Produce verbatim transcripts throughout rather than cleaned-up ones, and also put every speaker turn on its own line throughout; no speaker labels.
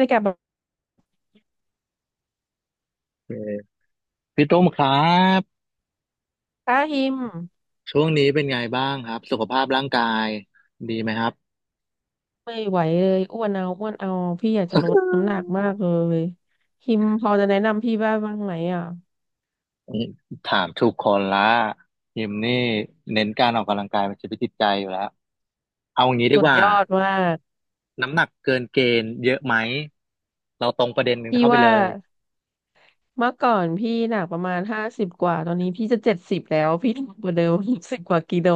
เลยกับแบบ
เออพี่ตุ้มครับ
ป้าฮิม
ช่วงนี้เป็นไงบ้างครับสุขภาพร่างกายดีไหมครับ
ไม่ไหวเลยอ้วนเอาอ้วนเอาพี่อยากจะลดน้ำหนักมากเลยฮิมพอจะแนะนำพี่บ้างบ้างไหมอ่ะ
นี่ถามทุกคนละยิมนี่เน้นการออกกำลังกายเป็นชีวิตจิตใจอยู่แล้วเอาอย่างนี้ดี
สุ
ก
ด
ว่า
ยอดมาก
น้ำหนักเกินเกณฑ์เยอะไหมเราตรงประเด็นหนึ่ง
พี่
เข้าไป
ว่า
เลย
เมื่อก่อนพี่หนักประมาณห้าสิบกว่าตอนนี้พี่จะเจ็ดสิบแล้วพี่หนักกว่าเดิมสิบกว่ากิโล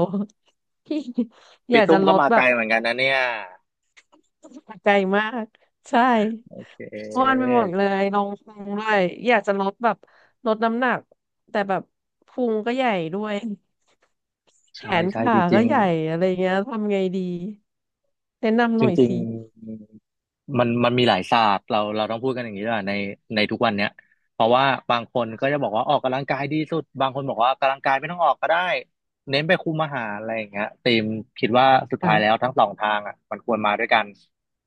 พี่อ
พี่
ยาก
ตุ้
จะ
ม
ล
ก็
ด
มา
แบ
ไกล
บ
เหมือนกันนะเนี่ย
ใจมากใช่อ้วนไป
เออ
หมดเลยลงพุงด้วยอยากจะลดแบบลดน้ำหนักแต่แบบพุงก็ใหญ่ด้วย แข
ใช่
น
ใช่จ
ขา
ริ
ก็
ง
ใหญ่อะไรเงี้ยทำไงดีแนะนำห
จ
น่อย
ริง
สิ
ๆมันมันมีหลายศาสตร์เราเราต้องพูดกันอย่างนี้ด้วยในในทุกวันเนี้ยเพราะว่าบางคนก็จะบอกว่าออกกำลังกายดีสุดบางคนบอกว่ากำลังกายไม่ต้องออกก็ได้เน้นไปคุมอาหารอะไรอย่างเงี้ยตีมคิดว่าสุด
อ่ะ
ท้ายแล้วทั้งสองทางอ่ะมันควรมาด้วยกัน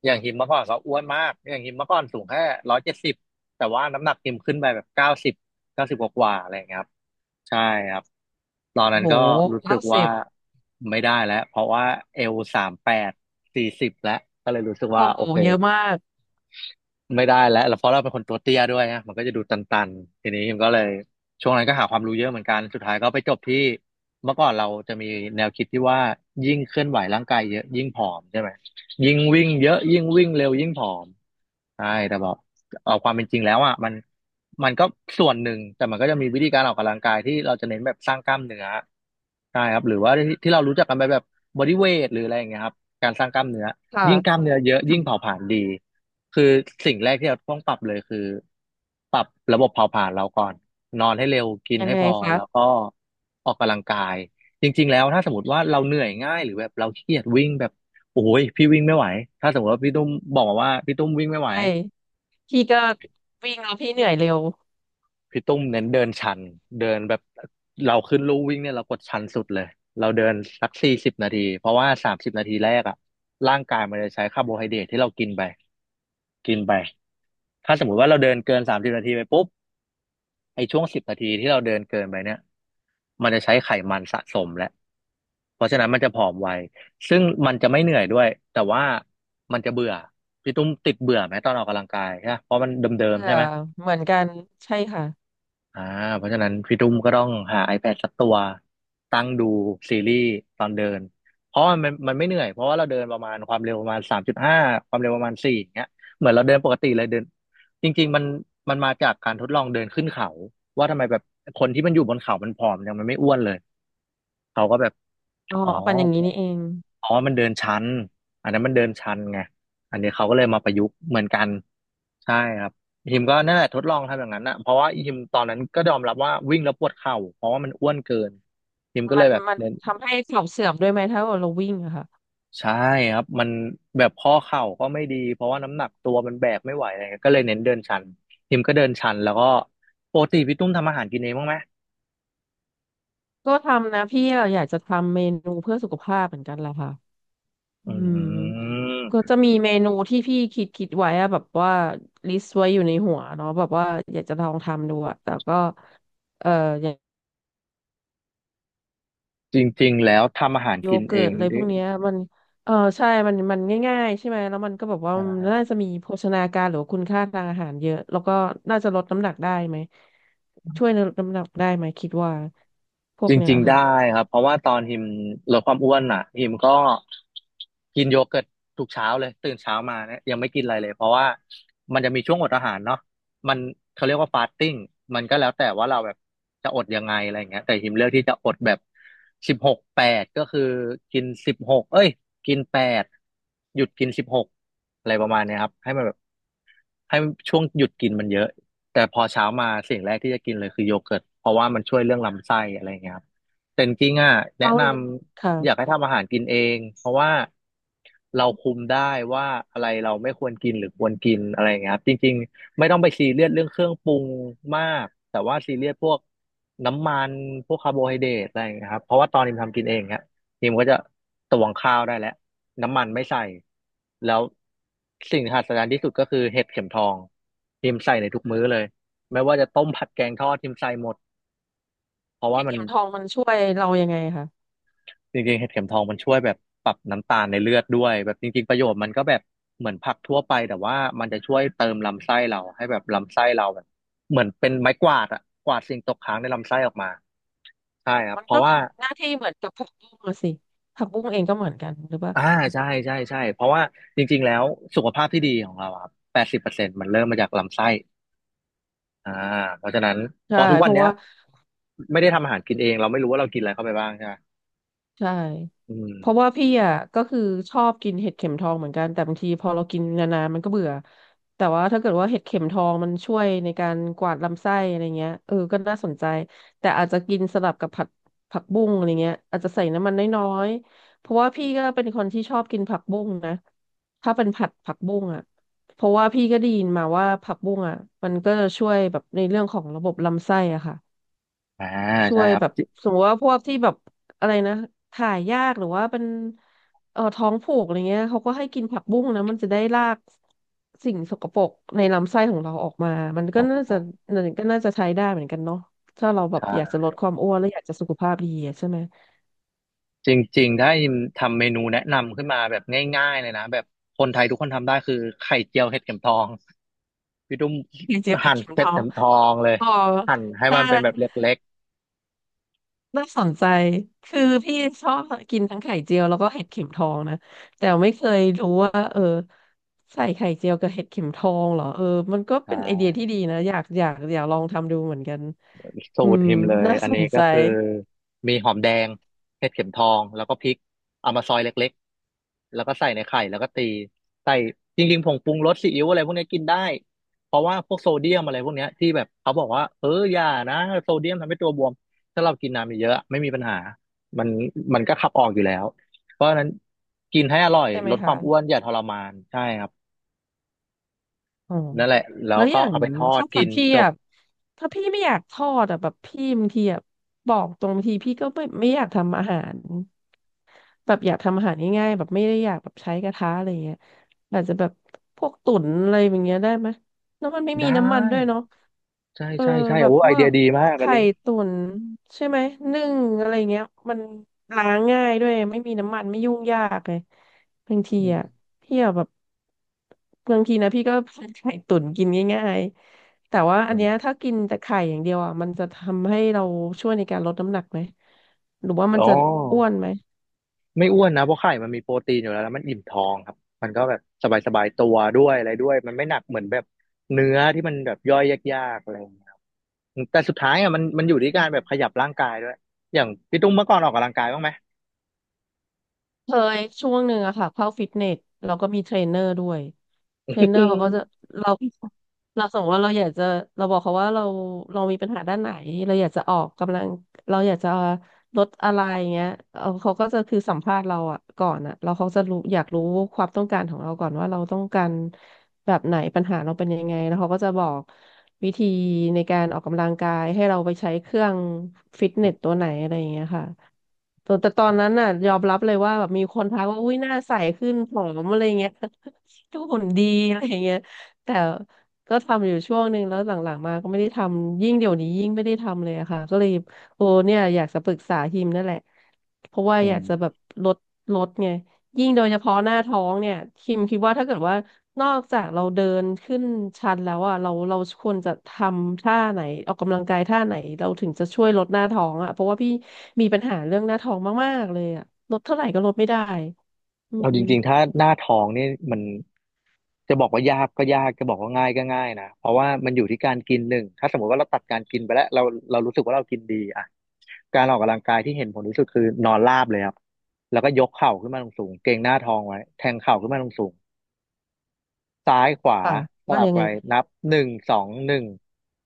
อย่างฮิมเมื่อก่อนก็อ้วนมากอย่างฮิมเมื่อก่อนสูงแค่ร้อยเจ็ดสิบแต่ว่าน้ำหนักฮิมขึ้นไปแบบเก้าสิบเก้าสิบกว่าๆอะไรอย่างเงี้ยครับ ใช่ครับตอนนั้น
โห
ก็รู้สึ
เก้า
ก
สิ
ว่า
บ
ไม่ได้แล้วเพราะว่าเอลสามแปดสี่สิบแล้วก็เลยรู้สึก
โอ้
ว่า
โห
โอเค
เยอะมาก
ไม่ได้แล้วแล้วเพราะเราเป็นคนตัวเตี้ยด้วยนะมันก็จะดูตันๆทีนี้มันก็เลยช่วงนั้นก็หาความรู้เยอะเหมือนกันสุดท้ายก็ไปจบที่เมื่อก่อนเราจะมีแนวคิดที่ว่ายิ่งเคลื่อนไหวร่างกายเยอะยิ่งผอมใช่ไหมยิ่งวิ่งเยอะยิ่งวิ่งเร็วยิ่งผอมใช่แต่บอกเอาความเป็นจริงแล้วอ่ะมันมันก็ส่วนหนึ่งแต่มันก็จะมีวิธีการออกกำลังกายที่เราจะเน้นแบบสร้างกล้ามเนื้อ ใช่ครับหรือว่าที่ที่เรารู้จักกันไปแบบบอดี้เวทหรืออะไรอย่างเงี้ยครับการสร้างกล้ามเนื้อ
ค่ะ
ยิ่งกล้ามเนื้อเยอะยิ่งเผา
ค่ะ
ผลาญดีคือสิ่งแรกที่เราต้องปรับเลยคือปรับระบบเผาผลาญเราก่อนนอนให้เร็วกิน
ยัง
ให้
ไง
พอแล้วก็
คะ
ออกกำลังกายจริงๆแล้วถ้าสมมติว่าเราเหนื่อยง่ายหรือแบบเราขี้เกียจวิ่งแบบโอ้ยพี่วิ่งไม่ไหวถ้าสมมติว่าพี่ตุ้มบอกมาว่าพี่ตุ้มวิ่งไม่ไหว
ใช่พี่ก็วิ่งแล้วพี่เหนื่อยเร็ว
พี่ตุ้มเน้นเดินชันเดินแบบเราขึ้นลู่วิ่งเนี่ยเรากดชันสุดเลยเราเดินสักสี่สิบนาทีเพราะว่าสามสิบนาทีแรกอะร่างกายมันจะใช้คาร์โบไฮเดรตที่เรากินไปกินไปถ้าสมมุติว่าเราเดินเกินสามสิบนาทีไปปุ๊บไอช่วงสิบนาทีที่เราเดินเกินไปเนี่ยมันจะใช้ไขมันสะสมแล้วเพราะฉะนั้นมันจะผอมไวซึ่งมันจะไม่เหนื่อยด้วยแต่ว่ามันจะเบื่อพี่ตุ้มติดเบื่อไหมตอนออกกำลังกายใช่ปะเพราะมันเดิ
เอ
มๆ
อ
ใช่ไหม
เหมือนกันใช่ค่ะ
อ่าเพราะฉะนั้นพี่ตุ้มก็ต้องหา iPad สักตัวตั้งดูซีรีส์ตอนเดินเพราะมันมันไม่เหนื่อยเพราะว่าเราเดินประมาณความเร็วประมาณสามจุดห้าความเร็วประมาณสี่อย่างเงี้ยเหมือนเราเดินปกติเลยเดินจริงๆมันมันมาจากการทดลองเดินขึ้นเขาว่าทำไมแบบคนที่มันอยู่บนเขามันผอมยังมันไม่อ้วนเลยเขาก็แบบ
อ๋อ
อ๋อ
เอาปั่นอย่างนี้นี่เอง
อ๋อมันเดินชันอันนั้นมันเดินชันไงอันนี้เขาก็เลยมาประยุกต์เหมือนกัน ใช่ครับอีฮิมก็นั่นแหละทดลองทำอย่างนั้นนะเพราะว่าอีฮิมตอนนั้นก็ยอมรับว่าวิ่งแล้วปวดเข่าเพราะว่ามันอ้วนเกินอีฮิมก็
มั
เล
น
ยแบบ
มัน
เน้น
ทำให้เข่าเสื่อมด้วยไหมถ้าเราวิ่งอะค่ะ
ใช่ครับมันแบบข้อเข่าก็ไม่ดีเพราะว่าน้ำหนักตัวมันแบกไม่ไหวอะไรเงี้ยก็เลยเน้นเดินชันอีฮิมก็เดินชันแล้วก็ปกติพี่ตุ้มทำอาหารกินเองบ้างไหม
ก็ทำนะพี่อะอยากจะทำเมนูเพื่อสุขภาพเหมือนกันแหละค่ะ
อ
อืม
ื
ก็
ม
จะมีเมนูที่พี่คิดคิดไว้อะแบบว่าลิสต์ไว้อยู่ในหัวเนาะแบบว่าอยากจะลองทำดูอะแต่ก็เอ่ออย่าง
จริงๆแล้วทำอาหาร
โย
กิน
เกิ
เอ
ร์ต
ง
อะไรพ
ดิ
วกเนี้ยมันเออใช่มันมันง่ายๆใช่ไหมแล้วมันก็แบบว่า
ใช
มันน่า
่
จะมีโภชนาการหรือว่าคุณค่าทางอาหารเยอะแล้วก็น่าจะลดน้ำหนักได้ไหมช่วยลดน้ำหนักได้ไหมคิดว่าพว
จ
กเนี้ย
ริงๆ
ค่ะ
ได้ครับเพราะว่าตอนฮิมลดความอ้วนอ่ะฮิมก็กินโยเกิร์ตทุกเช้าเลยตื่นเช้ามาเนี่ยยังไม่กินอะไรเลยเพราะว่ามันจะมีช่วงอดอาหารเนาะมันเขาเรียกว่าฟาสติ้งมันก็แล้วแต่ว่าเราแบบจะอดยังไงอะไรอย่างเงี้ยแต่ฮิมเลือกที่จะอดแบบสิบหกแปดก็คือกินสิบหกเอ้ยกินแปดหยุดกินสิบหกอะไรประมาณเนี้ยครับให้มันแบบ ให้ช่วงหยุดกินมันเยอะแต่พอเช้ามาสิ่งแรกที่จะกินเลยคือโยเกิร์ตเพราะว่ามันช่วยเรื่องลำไส้อะไรเงี้ยครับแต่จริงๆอ่ะแนะ
เรา
นำอยาก
ค่ะ
ให้ทำอาหารกินเองเพราะว่าเราคุมได้ว่าอะไรเราไม่ควรกินหรือควรกินอะไรเงี้ยครับจริงๆไม่ต้องไปซีเรียสเรื่องเครื่องปรุงมากแต่ว่าซีเรียสพวกน้ำมันพวกคาร์โบไฮเดรตอะไรเงี้ยครับเพราะว่าตอนนี้ทำกินเองเน ทีมก็จะตวงข้าวได้แล้วน้ำมันไม่ใส่แล้วสิ่งที่หัศจรรย์ที่สุดก็คือเห็ดเข็มทองทีมใส่ในทุกมื้อเลยไม่ว่าจะต้มผัดแกงทอดทีมใส่หมดเพราะว่า
เห็ด
มัน
เข็มทองมันช่วยเรายังไงคะ
จริงๆเห็ดเข็มทองมันช่วยแบบปรับน้ำตาลในเลือดด้วยแบบจริงๆประโยชน์มันก็แบบเหมือนผักทั่วไปแต่ว่ามันจะช่วยเติมลำไส้เราให้แบบลำไส้เราแบบเหมือนเป็นไม้กวาดอะกวาดสิ่งตกค้างในลำไส้ออกมาใช่ครับ
มัน
เพ
ก็
ราะว่า
ทำหน้าที่เหมือนกับผักบุ้งอะสิผักบุ้งเองก็เหมือนกันหรือเปล่า
อ่าใช่ใช่ใช่เพราะว่าจริงๆแล้วสุขภาพที่ดีของเราอะครับแปดสิบเปอร์เซ็นต์มันเริ่มมาจากลำไส้อ่าเพราะฉะนั้นพ
ใช่
อทุก
เพ
วัน
ราะ
เนี้ย
ว่า
ไม่ได้ทำอาหารกินเองเราไม่รู้ว่าเรากินอะไรเข้าไปบ้างใช่ไหม
ใช่
อืม
เพราะว่าพี่อ่ะก็คือชอบกินเห็ดเข็มทองเหมือนกันแต่บางทีพอเรากินนานๆมันก็เบื่อแต่ว่าถ้าเกิดว่าเห็ดเข็มทองมันช่วยในการกวาดลำไส้อะไรเงี้ยเออก็น่าสนใจแต่อาจจะกินสลับกับผัดผักบุ้งอะไรเงี้ยอาจจะใส่น้ำมันน้อยๆเพราะว่าพี่ก็เป็นคนที่ชอบกินผักบุ้งนะถ้าเป็นผัดผักบุ้งอ่ะเพราะว่าพี่ก็ได้ยินมาว่าผักบุ้งอ่ะมันก็ช่วยแบบในเรื่องของระบบลำไส้อ่ะค่ะ
อ่า
ช่
ใช่
วย
ครับ
แบบ
จิ
สมมติว่าพวกที่แบบอะไรนะถ่ายยากหรือว่าเป็นเอ่อท้องผูกอะไรเงี้ยเขาก็ให้กินผักบุ้งนะมันจะได้ลากสิ่งสกปรกในลำไส้ของเราออกมามัน
อ๋
ก็น่า
อ
จะมันก็น่าจะใช้ได้เหมือนกันเนาะถ้าเราแบ
ใ
บอยากจะล
ช่
ดความอ้วนและอยากจะสุขภาพดีอะใช่ไหม
จริงๆถ้าอิมทำเมนูแนะนำขึ้นมาแบบง่ายๆเลยนะแบบคนไทยทุกคนทำได้คือไข่เจียวเห็ดเข็มทองพี่ตุ้ม
อยาจะเป็น
หั่น
เข็มท
เห็ด
อ
เข็
ง
มทองเลย
อ๋อ
หั่นให้
ได้
มันเป็นแบบเล็ก
น่าสนใจ คือพี่ชอบกินทั้งไข่เจียวแล้วก็เห็ดเข็มทองนะ แต่ไม่เคยรู้ว่าเออใส่ไข่เจียวกับเห็ดเข็มทองเหรอเออมันก็
ๆอ
เป็นไอเดีย
่า
ที่ดีนะอยากอยากอยากลองทำดูเหมือนกัน
สู
อื
ตร
ม
หิมเลย
น่า
อัน
ส
นี้
น
ก็
ใจ
คือมีหอมแดงเห็ดเข็มทองแล้วก็พริกเอามาซอยเล็กๆแล้วก็ใส่ในไข่แล้วก็ตีใส่จริงๆผงปรุงรสซีอิ๊วอะไรพวกนี้กินได้เพราะว่าพวกโซเดียมอะไรพวกเนี้ยที่แบบเขาบอกว่าเอออย่านะโซเดียมทำให้ตัวบวมถ้าเรากินน้ำเยอะๆไม่มีปัญหามันมันก็ขับออกอยู่แล้วเพราะฉะนั้นกินให้อร่อย
ใช่ไหม
ลดความอ้ว
คะ
นอย่าทรมานใช่ครับ
อ๋อ
นั่นแหละแล้
แล้
ว
วอ
ก็
ย่าง
เอาไปทอด
ช้างสั
กิ
ต
น
พี่
จบ
อ่ะถ้าพี่ไม่อยากทอดอ่ะแบบพี่บางทีอ่ะบอกตรงบางทีพี่ก็ไม่ไม่อยากทำอาหารแบบอยากทำอาหารง่ายๆแบบไม่ได้อยากแบบใช้กระทะอะไรเงี้ยอาจจะแบบพวกตุ๋นอะไรอย่างเงี้ยได้ไหมแล้วมันไม่มี
ได้
น้ำมันด้วยเนาะ
ใช่
เออ
ใช่ใช่
แบ
โอ้
บพ
ไอ
ว
เดีย
ก
ดีมากอัน
ไข่
นี้
ตุ๋นใช่ไหมนึ่งอะไรเงี้ยมันล้างง่ายด้วยไม่มีน้ำมันไม่ยุ่งยากเลย บางที
อื
อ่ะ
ม
พี่อะแบบบางทีนะพี่ก็ ผัดไข่ตุ๋นกินง่ายๆแต่ว่าอั
อื
นเนี้ย
ม
ถ้ากินแต่ไข่อย่างเดียวอ่ะมันจะทำให้เราช่วยในการลดน้ำหนักไหมหรือว่ามั
อ๋
น
อ
จะอ้วนไหม
ไม่อ้วนนะเพราะไข่มันมีโปรตีนอยู่แล้วแล้วมันอิ่มท้องครับมันก็แบบสบายสบายตัวด้วยอะไรด้วยมันไม่หนักเหมือนแบบเนื้อที่มันแบบย่อยยากๆอะไรอย่างเงี้ยครับแต่สุดท้ายอ่ะมันมันอยู่ที่การแบบขยับร่างกายด้วยอย่างพี่ตุ้มเมื่อก่อนออกกำลังกายบ้างไหม
เคยช่วงหนึ่งอะค่ะเข้าฟิตเนสเราก็มีเทรนเนอร์ด้วยเทรนเน อ
อื
ร์เขา
ม
ก็จะเราเราสมมติว่าเราอยากจะเราบอกเขาว่าเราเรามีปัญหาด้านไหนเราอยากจะออกกำลังเราอยากจะลดอะไรเงี้ยเอาเขาก็จะคือสัมภาษณ์เราอะก่อนอะเราเขาจะรู้อยากรู้ความต้องการของเราก่อนว่าเราต้องการแบบไหนปัญหาเราเป็นยังไงแล้วเขาก็จะบอกวิธีในการออกกำลังกายให้เราไปใช้เครื่องฟิตเนสตัวไหนอะไรอย่างเงี้ยค่ะ แต่แต่ตอนนั้นน่ะยอมรับเลยว่าแบบมีคนทักว่าอุ้ยหน้าใสขึ้นผอมอะไรเงี้ย ดูหุ่นดีอะไรเงี้ยแต่ก็ทำอยู่ช่วงหนึ่งแล้วหลังๆมาก็ไม่ได้ทำยิ่งเดี๋ยวนี้ยิ่งไม่ได้ทำเลยอะค่ะก็เลยโอ้เนี่ยอยากจะปรึกษาฮิมนั่นแหละเพราะว่าอยากจะแบบลดลดไงยิ่งโดยเฉพาะหน้าท้องเนี่ยฮิมคิดว่าถ้าเกิดว่า นอกจากเราเดินขึ้นชันแล้วอ่ะเราเราควรจะทำท่าไหนออกกำลังกายท่าไหนเราถึงจะช่วยลดหน้าท้องอ่ะเพราะว่าพี่มีปัญหาเรื่องหน้าท้องมากๆเลยอ่ะลดเท่าไหร่ก็ลดไม่ได้อื
เอา
ม
จริงๆถ้าหน้าท้องนี่มันจะบอกว่ายากก็ยากจะบอกว่าง่ายก็ง่ายนะเพราะว่ามันอยู่ที่การกินหนึ่งถ้าสมมติว่าเราตัดการกินไปแล้วเราเรารู้สึกว่าเรากินดีอ่ะ การออกกำลังกายที่เห็นผลที่สุดคือนอนราบเลยครับ แล้วก็ยกเข่าขึ้นมาลงสูงเกร็งหน้าท้องไว้แทงเข่าขึ้นมาลงสูงซ้ายขวา
ค่ะ
ส
ว่า
ลับ
ยัง
ไป
ไง
นับหนึ่งสองหนึ่ง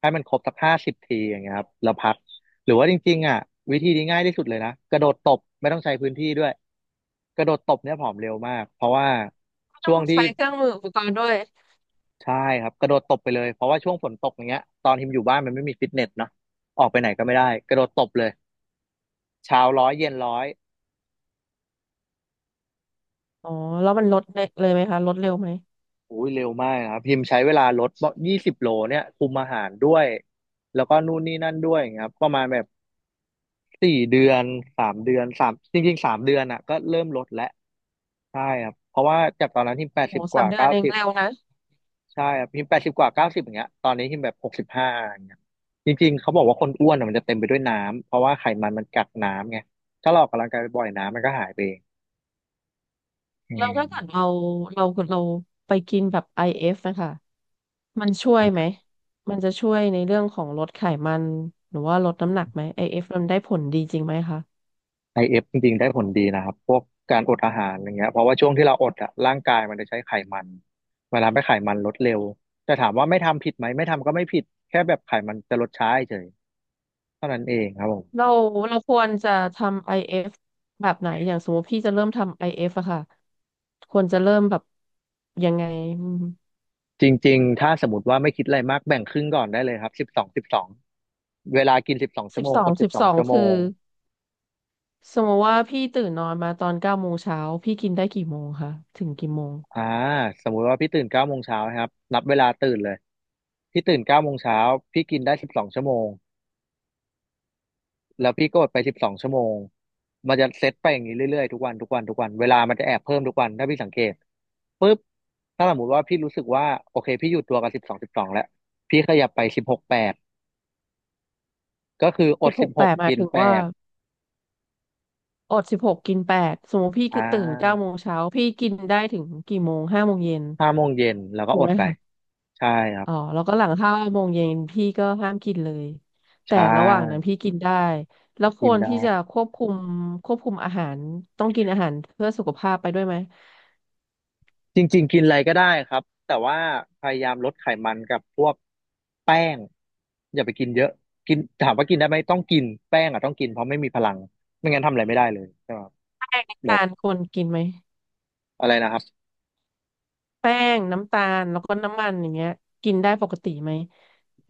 ให้มันครบสักห้าสิบทีอย่างเงี้ยครับแล้วพักหรือว่าจริงๆอ่ะวิธีนี้ง่ายที่สุดเลยนะกระโดดตบไม่ต้องใช้พื้นที่ด้วยกระโดดตบเนี่ยผอมเร็วมากเพราะว่า
ไม่ต้
ช่
อ
ว
ง
งที่
ใช้เครื่องมืออุปกรณ์ด้วย
ใช่ครับกระโดดตบไปเลยเพราะว่าช่วงฝนตกอย่างเงี้ยตอนทิมอยู่บ้านมันไม่มีฟิตเนสเนาะออกไปไหนก็ไม่ได้กระโดดตบเลยเช้าร้อยเย็นร้อย
อ๋อแล้วมันลดเลยไหมคะลดเร็วไหม
อุ้ยเร็วมากนะครับพิมพ์ใช้เวลาลดยี่สิบโลเนี่ยคุมอาหารด้วยแล้วก็นู่นนี่นั่นด้วยอย่างเงี้ยครับประมาณแบบสี่เดือนสามเดือนสามจริงๆสามเดือนอ่ะก็เริ่มลดแล้วใช่ครับเพราะว่าจากตอนนั้นพิมแปด
โห
สิบก
สาม
ว่า
เดือน
เก้า
เอง
สิบ
เร็วนะ
ใช่ครับพิมแปดสิบกว่าเก้าสิบอย่างเงี้ยตอนนี้พิมแบบหกสิบห้าอย่างเงี้ยจริงๆเขาบอกว่าคนอ้วนอ่ะมันจะเต็มไปด้วยน้ำเพราะว่าไขมันมันกักน้ำไงถ้าเราออกกำลังกายบ่อยๆน้ำมันก็หายไปเองอื
แล้ว
ม
ถ้าเกิดเราเราเราไปกินแบบ ไอ เอฟ นะคะมันช่วยไหมมันจะช่วยในเรื่องของลดไขมันหรือว่าลดน้ำหนักไหม i ฟมันได้ผลดีจริงไหมคะ
ไอ เอฟ จริงๆได้ผลดีนะครับพวกการอดอาหารอย่างเงี้ยเพราะว่าช่วงที่เราอดอะร่างกายมันจะใช้ไขมันเวลาไมไขมันลดเร็วแต่ถามว่าไม่ทำผิดไหมไม่ทำก็ไม่ผิดแค่แบบไขมันจะลดช้าเฉยเท่านั้นเองครับผม
เราเราควรจะทำ ไอ เอฟ แบบไหนอย่างสมมติพี่จะเริ่มทำ ไอ เอฟ อเอฟอะค่ะควรจะเริ่มแบบยังไง
จริงๆถ้าสมมติว่าไม่คิดอะไรมากแบ่งครึ่งก่อนได้เลยครับสิบสองสิบสองเวลากินสิบสองชั่
สิ
ว
บ
โมง
สอ
อ
ง
ดสิ
สิ
บ
บ
สอ
ส
ง
อง
ชั่วโม
คือ
ง
สมมติว่าพี่ตื่นนอนมาตอนเก้าโมงเช้าพี่กินได้กี่โมงคะถึงกี่โมง
อ่าสมมุติว่าพี่ตื่นเก้าโมงเช้าครับนับเวลาตื่นเลยพี่ตื่นเก้าโมงเช้าพี่กินได้สิบสองชั่วโมง แล้วพี่ก็อดไปสิบสองชั่วโมง มันจะเซตไปอย่างนี้เรื่อยๆ ทุกวัน ทุกวัน ทุกวัน เวลามันจะแอบเพิ่มทุกวัน ถ้าพี่สังเกตปุ๊บถ้าสมมติว่าพี่รู้สึกว่า โอเค พี่อยู่ตัวกับสิบสองสิบสองแล้ว พี่ขยับไปสิบหกแปดก็คืออ
สิ
ด
บห
สิบ
ก
ห
แป
ก
ดหมาย
กิน
ถึง
แป
ว่า
ด
อดสิบหกกินแปดสมมติพี่
อ่
ตื่นเก้าโม
า
งเช้าพี่กินได้ถึงกี่โมงห้าโมงเย็น
ห้าโมงเย็น แล้วก็
ถู
อ
กไห
ด
ม
ไป
คะ
ใช่ครับ
อ๋อแล้วก็หลังห้าโมงเย็นพี่ก็ห้ามกินเลย
ใช
แต่ระหว่างนั้น
่
พี่กินได้แล้วค
กิน
วร
ได้
ที่จะควบคุมควบคุมอาหารต้องกินอาหารเพื่อสุขภาพไปด้วยไหม
จริงๆกินอะไรก็ได้ครับแต่ว่าพยายามลดไขมันกับพวกแป้งอย่าไปกินเยอะกินถามว่ากินได้ไหมต้องกินแป้งอ่ะต้องกินเพราะไม่มีพลังไม่งั้นทำอะไรไม่ได้เลยใช่ไหมครับ
น้ำ
แบบ
ตาลควรกินไหม
อะไรนะครับ
แป้งน้ำตาลแล้วก็น้ำมันอย่างเงี้ยกินได้ปกติไหม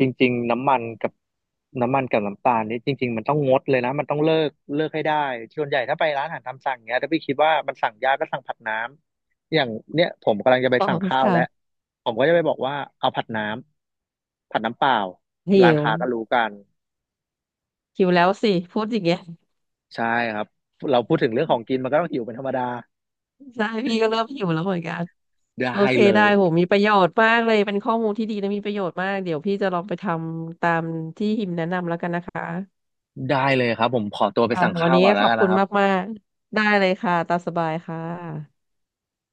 จริงๆน้ำมันกับน้ำมันกับน้ำตาลนี่จริงๆมันต้องงดเลยนะมันต้องเลิกเลิกให้ได้ส่วนใหญ่ถ้าไปร้านอาหารตามสั่งเนี้ยถ้าพี่คิดว่ามันสั่งยากก็สั่งผัดน้ำอย่างเนี้ยผมกำลังจะไป
อ๋อ
สั่งข้าว
ค่ะ
แล้วผมก็จะไปบอกว่าเอาผัดน้ำผัดน้ำเปล่า
หิ
ร้าน
ว
ค้าก็รู้กัน
หิวแล้วสิพูดอย่างเงี้ย
ใช่ครับเราพูดถึงเรื่องของกินมันก็ต้องหิวเป็นธรรมดา
ใช่พี่ก็เริ่มหิวแล้วเหมือนกัน
ได้
โอเค
เล
ได้โห
ย
มีประโยชน์มากเลยเป็นข้อมูลที่ดีและมีประโยชน์มากเดี๋ยวพี่จะลองไปทำตามที่หิมแนะนำแล้วกันนะคะ
ได้เลยครับผมขอตัวไป
ค่ะ
สั่ง
วัน
ข้าว
นี้
ก่อนแล้
ข
ว
อบ
กัน
คุ
นะ
ณ
ครับ
มากๆได้เลยค่ะตามสบายค่ะ